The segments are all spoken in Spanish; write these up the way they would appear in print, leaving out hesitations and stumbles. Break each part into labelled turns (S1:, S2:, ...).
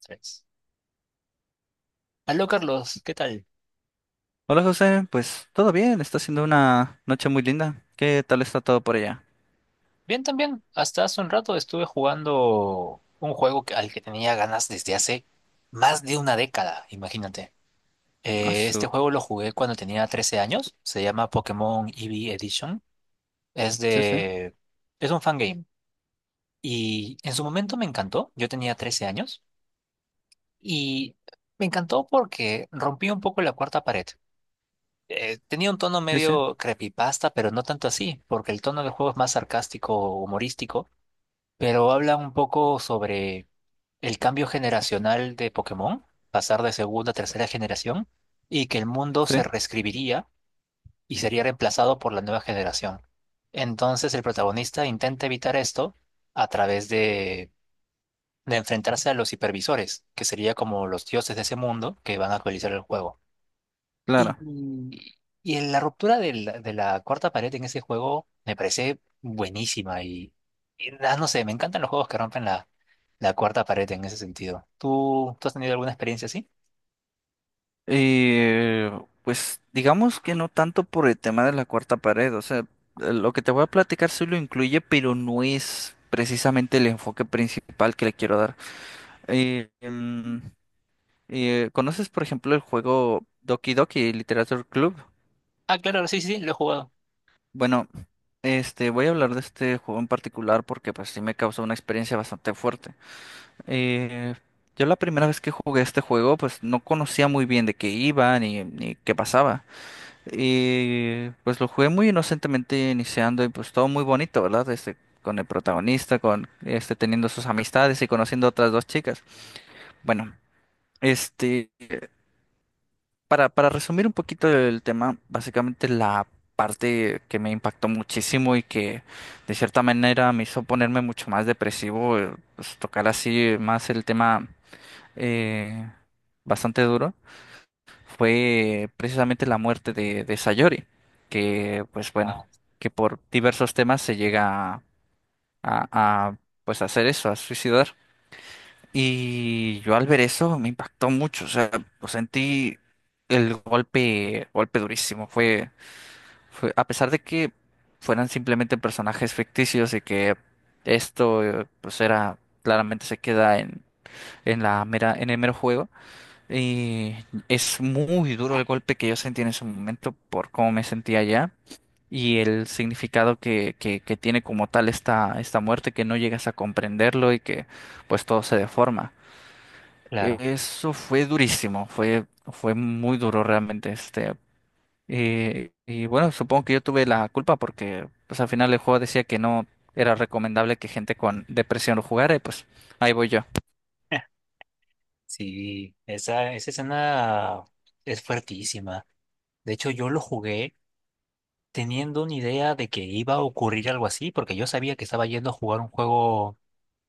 S1: Tres. Aló, Carlos, ¿qué tal?
S2: Hola José, pues todo bien, está siendo una noche muy linda. ¿Qué tal está todo por allá?
S1: Bien también. Hasta hace un rato estuve jugando un juego al que tenía ganas desde hace más de una década, imagínate.
S2: Ah,
S1: Este
S2: su-
S1: juego lo jugué cuando tenía 13 años. Se llama Pokémon EV Edition. Es
S2: Sí, sí,
S1: de... Es un fangame. Y en su momento me encantó. Yo tenía 13 años. Y me encantó porque rompí un poco la cuarta pared. Tenía un tono
S2: sí, sí,
S1: medio creepypasta, pero no tanto así, porque el tono del juego es más sarcástico, humorístico. Pero habla un poco sobre el cambio generacional de Pokémon, pasar de segunda a tercera generación, y que el mundo
S2: sí,
S1: se reescribiría y sería reemplazado por la nueva generación. Entonces el protagonista intenta evitar esto a través de enfrentarse a los hipervisores, que sería como los dioses de ese mundo que van a actualizar el juego. Y,
S2: claro.
S1: y en la ruptura de la cuarta pared en ese juego me parece buenísima y no sé, me encantan los juegos que rompen la cuarta pared en ese sentido. ¿Tú has tenido alguna experiencia así?
S2: Y pues digamos que no tanto por el tema de la cuarta pared, o sea, lo que te voy a platicar sí lo incluye, pero no es precisamente el enfoque principal que le quiero dar. Eh, em, ¿Conoces, por ejemplo, el juego Doki Doki Literature Club?
S1: Ah, claro, sí, sí, sí, lo he jugado.
S2: Bueno, este, voy a hablar de este juego en particular porque pues sí me causó una experiencia bastante fuerte. Eh, yo la primera vez que jugué este juego, pues no conocía muy bien de qué iba ni qué pasaba. Y pues lo jugué muy inocentemente iniciando y pues todo muy bonito, ¿verdad? Este, con el protagonista, con este teniendo sus amistades y conociendo a otras dos chicas. Bueno, este, para resumir un poquito el tema, básicamente la parte que me impactó muchísimo y que de cierta manera me hizo ponerme mucho más depresivo, pues tocar así más el tema eh, bastante duro fue precisamente la muerte de Sayori, que pues bueno,
S1: Ah,
S2: que por diversos temas se llega a, pues hacer eso, a suicidar. Y yo al ver eso me impactó mucho, o sea, pues, sentí el golpe durísimo. A pesar de que fueran simplemente personajes ficticios y que esto pues era, claramente se queda en la mera, en el mero juego. Y es muy duro el golpe que yo sentí en ese momento por cómo me sentía allá y el significado que tiene como tal esta muerte, que no llegas a comprenderlo y que pues todo se deforma.
S1: claro.
S2: Eso fue durísimo, fue muy duro realmente este. Y bueno, supongo que yo tuve la culpa porque pues al final el juego decía que no era recomendable que gente con depresión lo jugara y pues ahí voy yo.
S1: Sí, esa escena es fuertísima. De hecho, yo lo jugué teniendo una idea de que iba a ocurrir algo así, porque yo sabía que estaba yendo a jugar un juego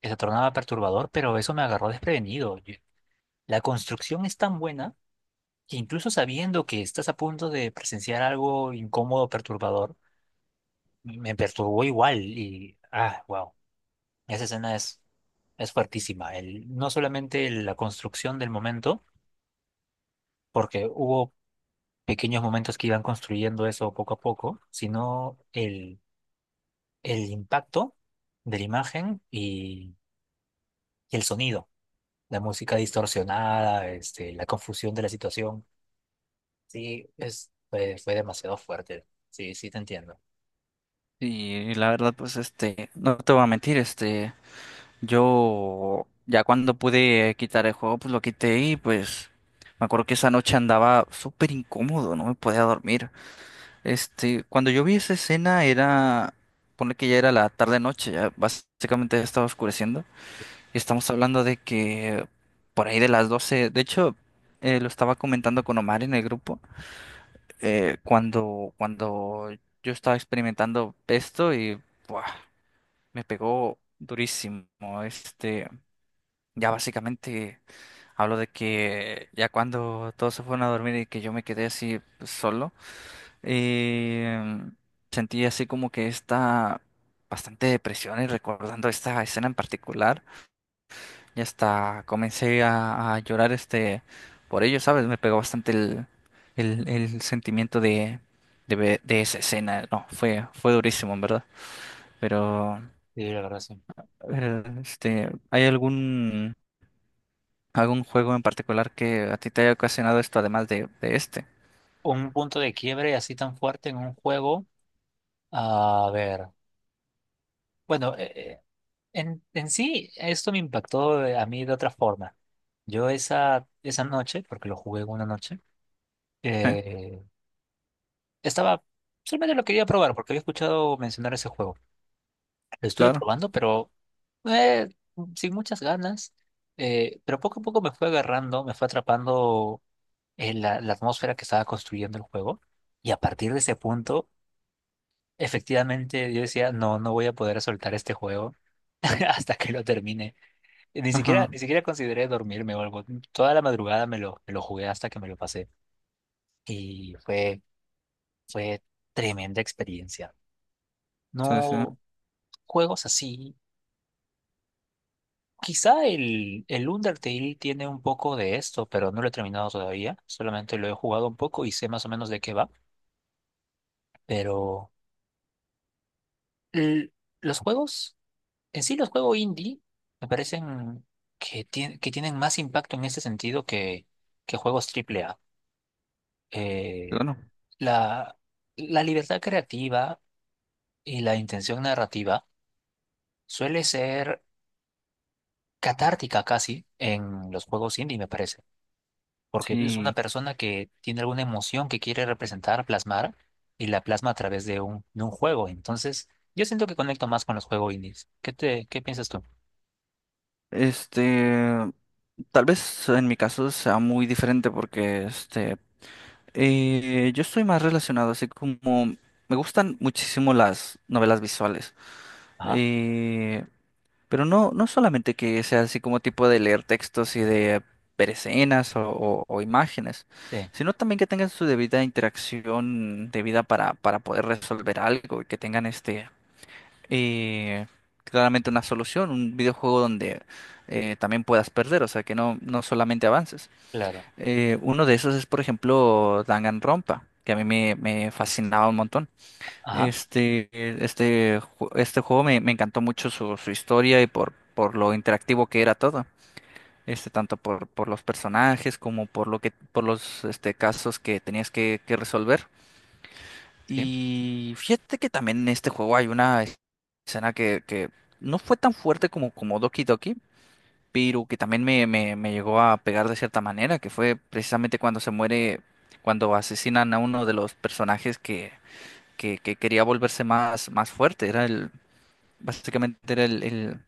S1: que se tornaba perturbador, pero eso me agarró desprevenido. La construcción es tan buena que incluso sabiendo que estás a punto de presenciar algo incómodo, perturbador, me perturbó igual y, wow, esa escena es fuertísima. No solamente la construcción del momento, porque hubo pequeños momentos que iban construyendo eso poco a poco, sino el impacto de la imagen y el sonido, la música distorsionada, este, la confusión de la situación. Sí, fue demasiado fuerte. Sí, sí te entiendo.
S2: Y la verdad pues este, no te voy a mentir, este... Yo ya cuando pude quitar el juego, pues lo quité y pues me acuerdo que esa noche andaba súper incómodo, no me podía dormir. Este, cuando yo vi esa escena era, pone que ya era la tarde noche, ya básicamente ya estaba oscureciendo. Y estamos hablando de que por ahí de las 12 de hecho, lo estaba comentando con Omar en el grupo, cuando yo estaba experimentando esto y buah, me pegó durísimo. Este. Ya básicamente hablo de que ya cuando todos se fueron a dormir y que yo me quedé así pues, solo, eh, sentí así como que esta bastante depresión y recordando esta escena en particular, y hasta comencé a llorar este por ello, ¿sabes? Me pegó bastante el sentimiento de esa escena. No, fue durísimo, en verdad. Pero,
S1: Sí, la verdad sí.
S2: este, ¿hay algún ¿algún juego en particular que a ti te haya ocasionado esto además de este?
S1: Un punto de quiebre así tan fuerte en un juego. A ver. Bueno, en sí esto me impactó a mí de otra forma. Yo esa noche, porque lo jugué en una noche,
S2: Sí,
S1: eh, estaba, solamente lo quería probar porque había escuchado mencionar ese juego. Lo estuve
S2: claro.
S1: probando, pero eh, sin muchas ganas. Pero poco a poco me fue agarrando, me fue atrapando la atmósfera que estaba construyendo el juego. Y a partir de ese punto, efectivamente, yo decía, no, no voy a poder soltar este juego hasta que lo termine. Ni siquiera,
S2: Ajá.
S1: ni siquiera consideré dormirme o algo. Toda la madrugada me lo jugué hasta que me lo pasé. Y fue tremenda experiencia.
S2: Sí, sí.
S1: No juegos así. Quizá el Undertale tiene un poco de esto, pero no lo he terminado todavía. Solamente lo he jugado un poco y sé más o menos de qué va. Pero l- los juegos en sí, los juegos indie me parecen que tienen más impacto en ese sentido que juegos triple A. Eh,
S2: Claro.
S1: la, la libertad creativa y la intención narrativa suele ser catártica casi en los juegos indie, me parece, porque es una
S2: Sí.
S1: persona que tiene alguna emoción que quiere representar, plasmar, y la plasma a través de un juego. Entonces, yo siento que conecto más con los juegos indies. ¿Qué piensas tú?
S2: Este, tal vez en mi caso sea muy diferente porque este, yo estoy más relacionado así como me gustan muchísimo las novelas visuales.
S1: Ajá,
S2: Eh, Pero no, no solamente que sea así como tipo de leer textos y de ver escenas o imágenes,
S1: sí,
S2: sino también que tengan su debida interacción debida para poder resolver algo y que tengan este eh, claramente una solución, un videojuego donde también puedas perder, o sea que no, no solamente avances.
S1: claro.
S2: Uno de esos es, por ejemplo, Danganronpa, que a mí me fascinaba un montón.
S1: Ajá.
S2: Este juego me encantó mucho su, su historia y por lo interactivo que era todo. Este, tanto por los personajes como por lo que, por los este, casos que tenías que resolver.
S1: Sí.
S2: Y fíjate que también en este juego hay una escena que no fue tan fuerte como, como Doki Doki, pero que también me llegó a pegar de cierta manera, que fue precisamente cuando se muere, cuando asesinan a uno de los personajes que que quería volverse más, más fuerte. Era el, básicamente era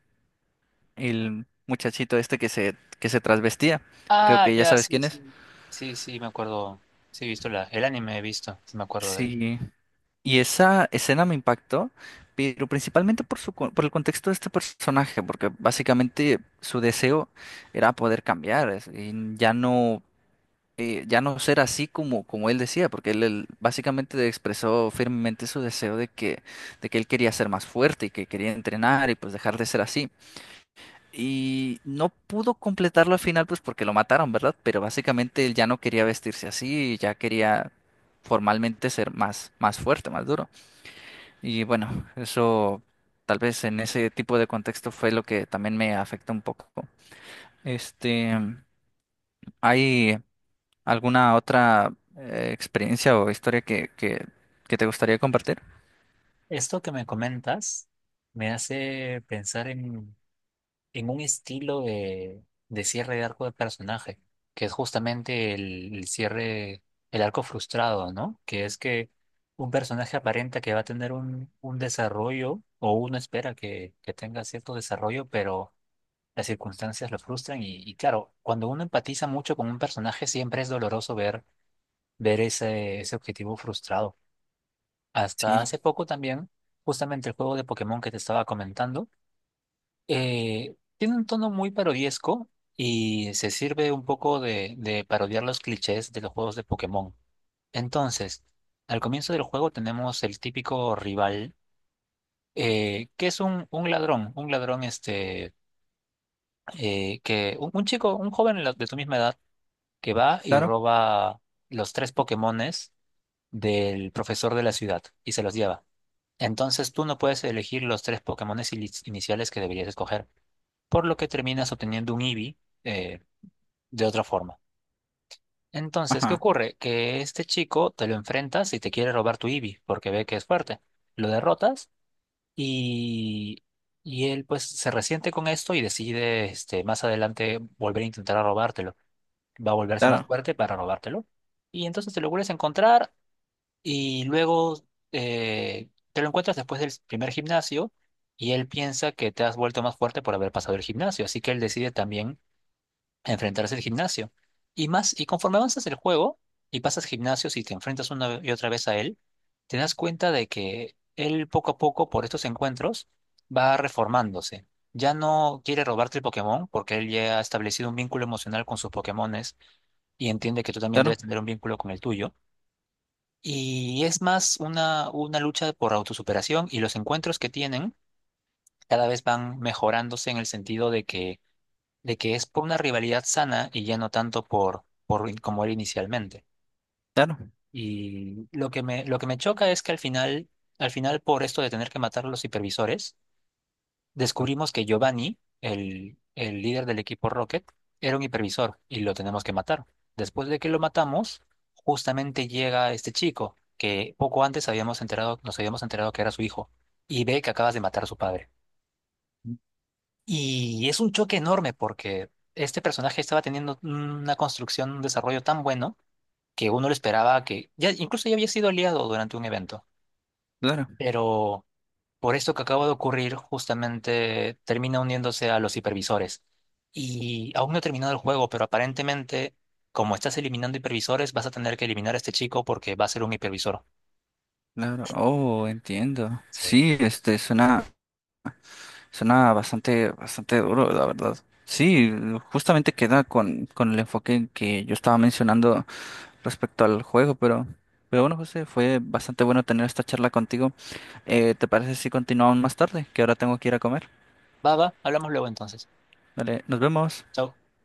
S2: el muchachito este que se trasvestía. Creo
S1: Ah,
S2: que ya
S1: ya,
S2: sabes
S1: sí,
S2: quién es.
S1: sí. Sí, sí, me acuerdo. Sí, he visto el anime, sí me acuerdo de él.
S2: Sí. Y esa escena me impactó, pero principalmente por su, por el contexto de este personaje, porque básicamente su deseo era poder cambiar y ya no, ya no ser así como, como él decía, porque él básicamente expresó firmemente su deseo de que él quería ser más fuerte y que quería entrenar y pues dejar de ser así. Y no pudo completarlo al final, pues porque lo mataron, ¿verdad? Pero básicamente él ya no quería vestirse así, ya quería formalmente ser más, más fuerte, más duro. Y bueno, eso tal vez en ese tipo de contexto fue lo que también me afectó un poco. Este, ¿hay alguna otra experiencia o historia que te gustaría compartir?
S1: Esto que me comentas me hace pensar en un estilo de cierre de arco de personaje, que es justamente el cierre, el arco frustrado, ¿no? Que es que un personaje aparenta que va a tener un desarrollo, o uno espera que tenga cierto desarrollo, pero las circunstancias lo frustran y claro, cuando uno empatiza mucho con un personaje siempre es doloroso ver ese objetivo frustrado. Hasta
S2: Sí,
S1: hace poco también, justamente el juego de Pokémon que te estaba comentando, tiene un tono muy parodiesco y se sirve un poco de parodiar los clichés de los juegos de Pokémon. Entonces, al comienzo del juego tenemos el típico rival, que es un ladrón este, que, un chico, un joven de tu misma edad, que va y
S2: claro.
S1: roba los tres Pokémones del profesor de la ciudad y se los lleva. Entonces tú no puedes elegir los tres Pokémones iniciales que deberías escoger, por lo que terminas obteniendo un Eevee eh, de otra forma. Entonces, ¿qué
S2: Ajá,
S1: ocurre? Que este chico te lo enfrentas y te quiere robar tu Eevee porque ve que es fuerte. Lo derrotas y, y él pues se resiente con esto y decide este, más adelante volver a intentar a robártelo. Va a volverse más
S2: claro,
S1: fuerte para robártelo. Y entonces te lo vuelves a encontrar y luego te lo encuentras después del primer gimnasio y él piensa que te has vuelto más fuerte por haber pasado el gimnasio, así que él decide también enfrentarse al gimnasio. Y conforme avanzas el juego y pasas gimnasios y te enfrentas una y otra vez a él, te das cuenta de que él poco a poco por estos encuentros va reformándose. Ya no quiere robarte el Pokémon porque él ya ha establecido un vínculo emocional con sus Pokémones y entiende que tú también
S2: claro,
S1: debes tener un vínculo con el tuyo y es más una lucha por autosuperación y los encuentros que tienen cada vez van mejorándose en el sentido de que es por una rivalidad sana y ya no tanto por como era inicialmente.
S2: claro,
S1: Y lo que me choca es que al final por esto de tener que matar a los supervisores, descubrimos que Giovanni, el líder del equipo Rocket, era un hipervisor y lo tenemos que matar. Después de que lo matamos, justamente llega este chico que poco antes nos habíamos enterado que era su hijo y ve que acabas de matar a su padre. Y es un choque enorme porque este personaje estaba teniendo una construcción, un desarrollo tan bueno que uno lo esperaba que incluso ya había sido aliado durante un evento,
S2: claro,
S1: pero por esto que acaba de ocurrir, justamente termina uniéndose a los hipervisores. Y aún no he terminado el juego, pero aparentemente, como estás eliminando hipervisores, vas a tener que eliminar a este chico porque va a ser un hipervisor.
S2: claro. Oh, entiendo.
S1: Sí.
S2: Sí, este, suena. Suena bastante, bastante duro, la verdad. Sí, justamente queda con el enfoque que yo estaba mencionando respecto al juego, pero bueno, José, fue bastante bueno tener esta charla contigo. ¿Te parece si continuamos más tarde? Que ahora tengo que ir a comer.
S1: Va, va, hablamos luego entonces.
S2: Vale, nos vemos.
S1: Chao.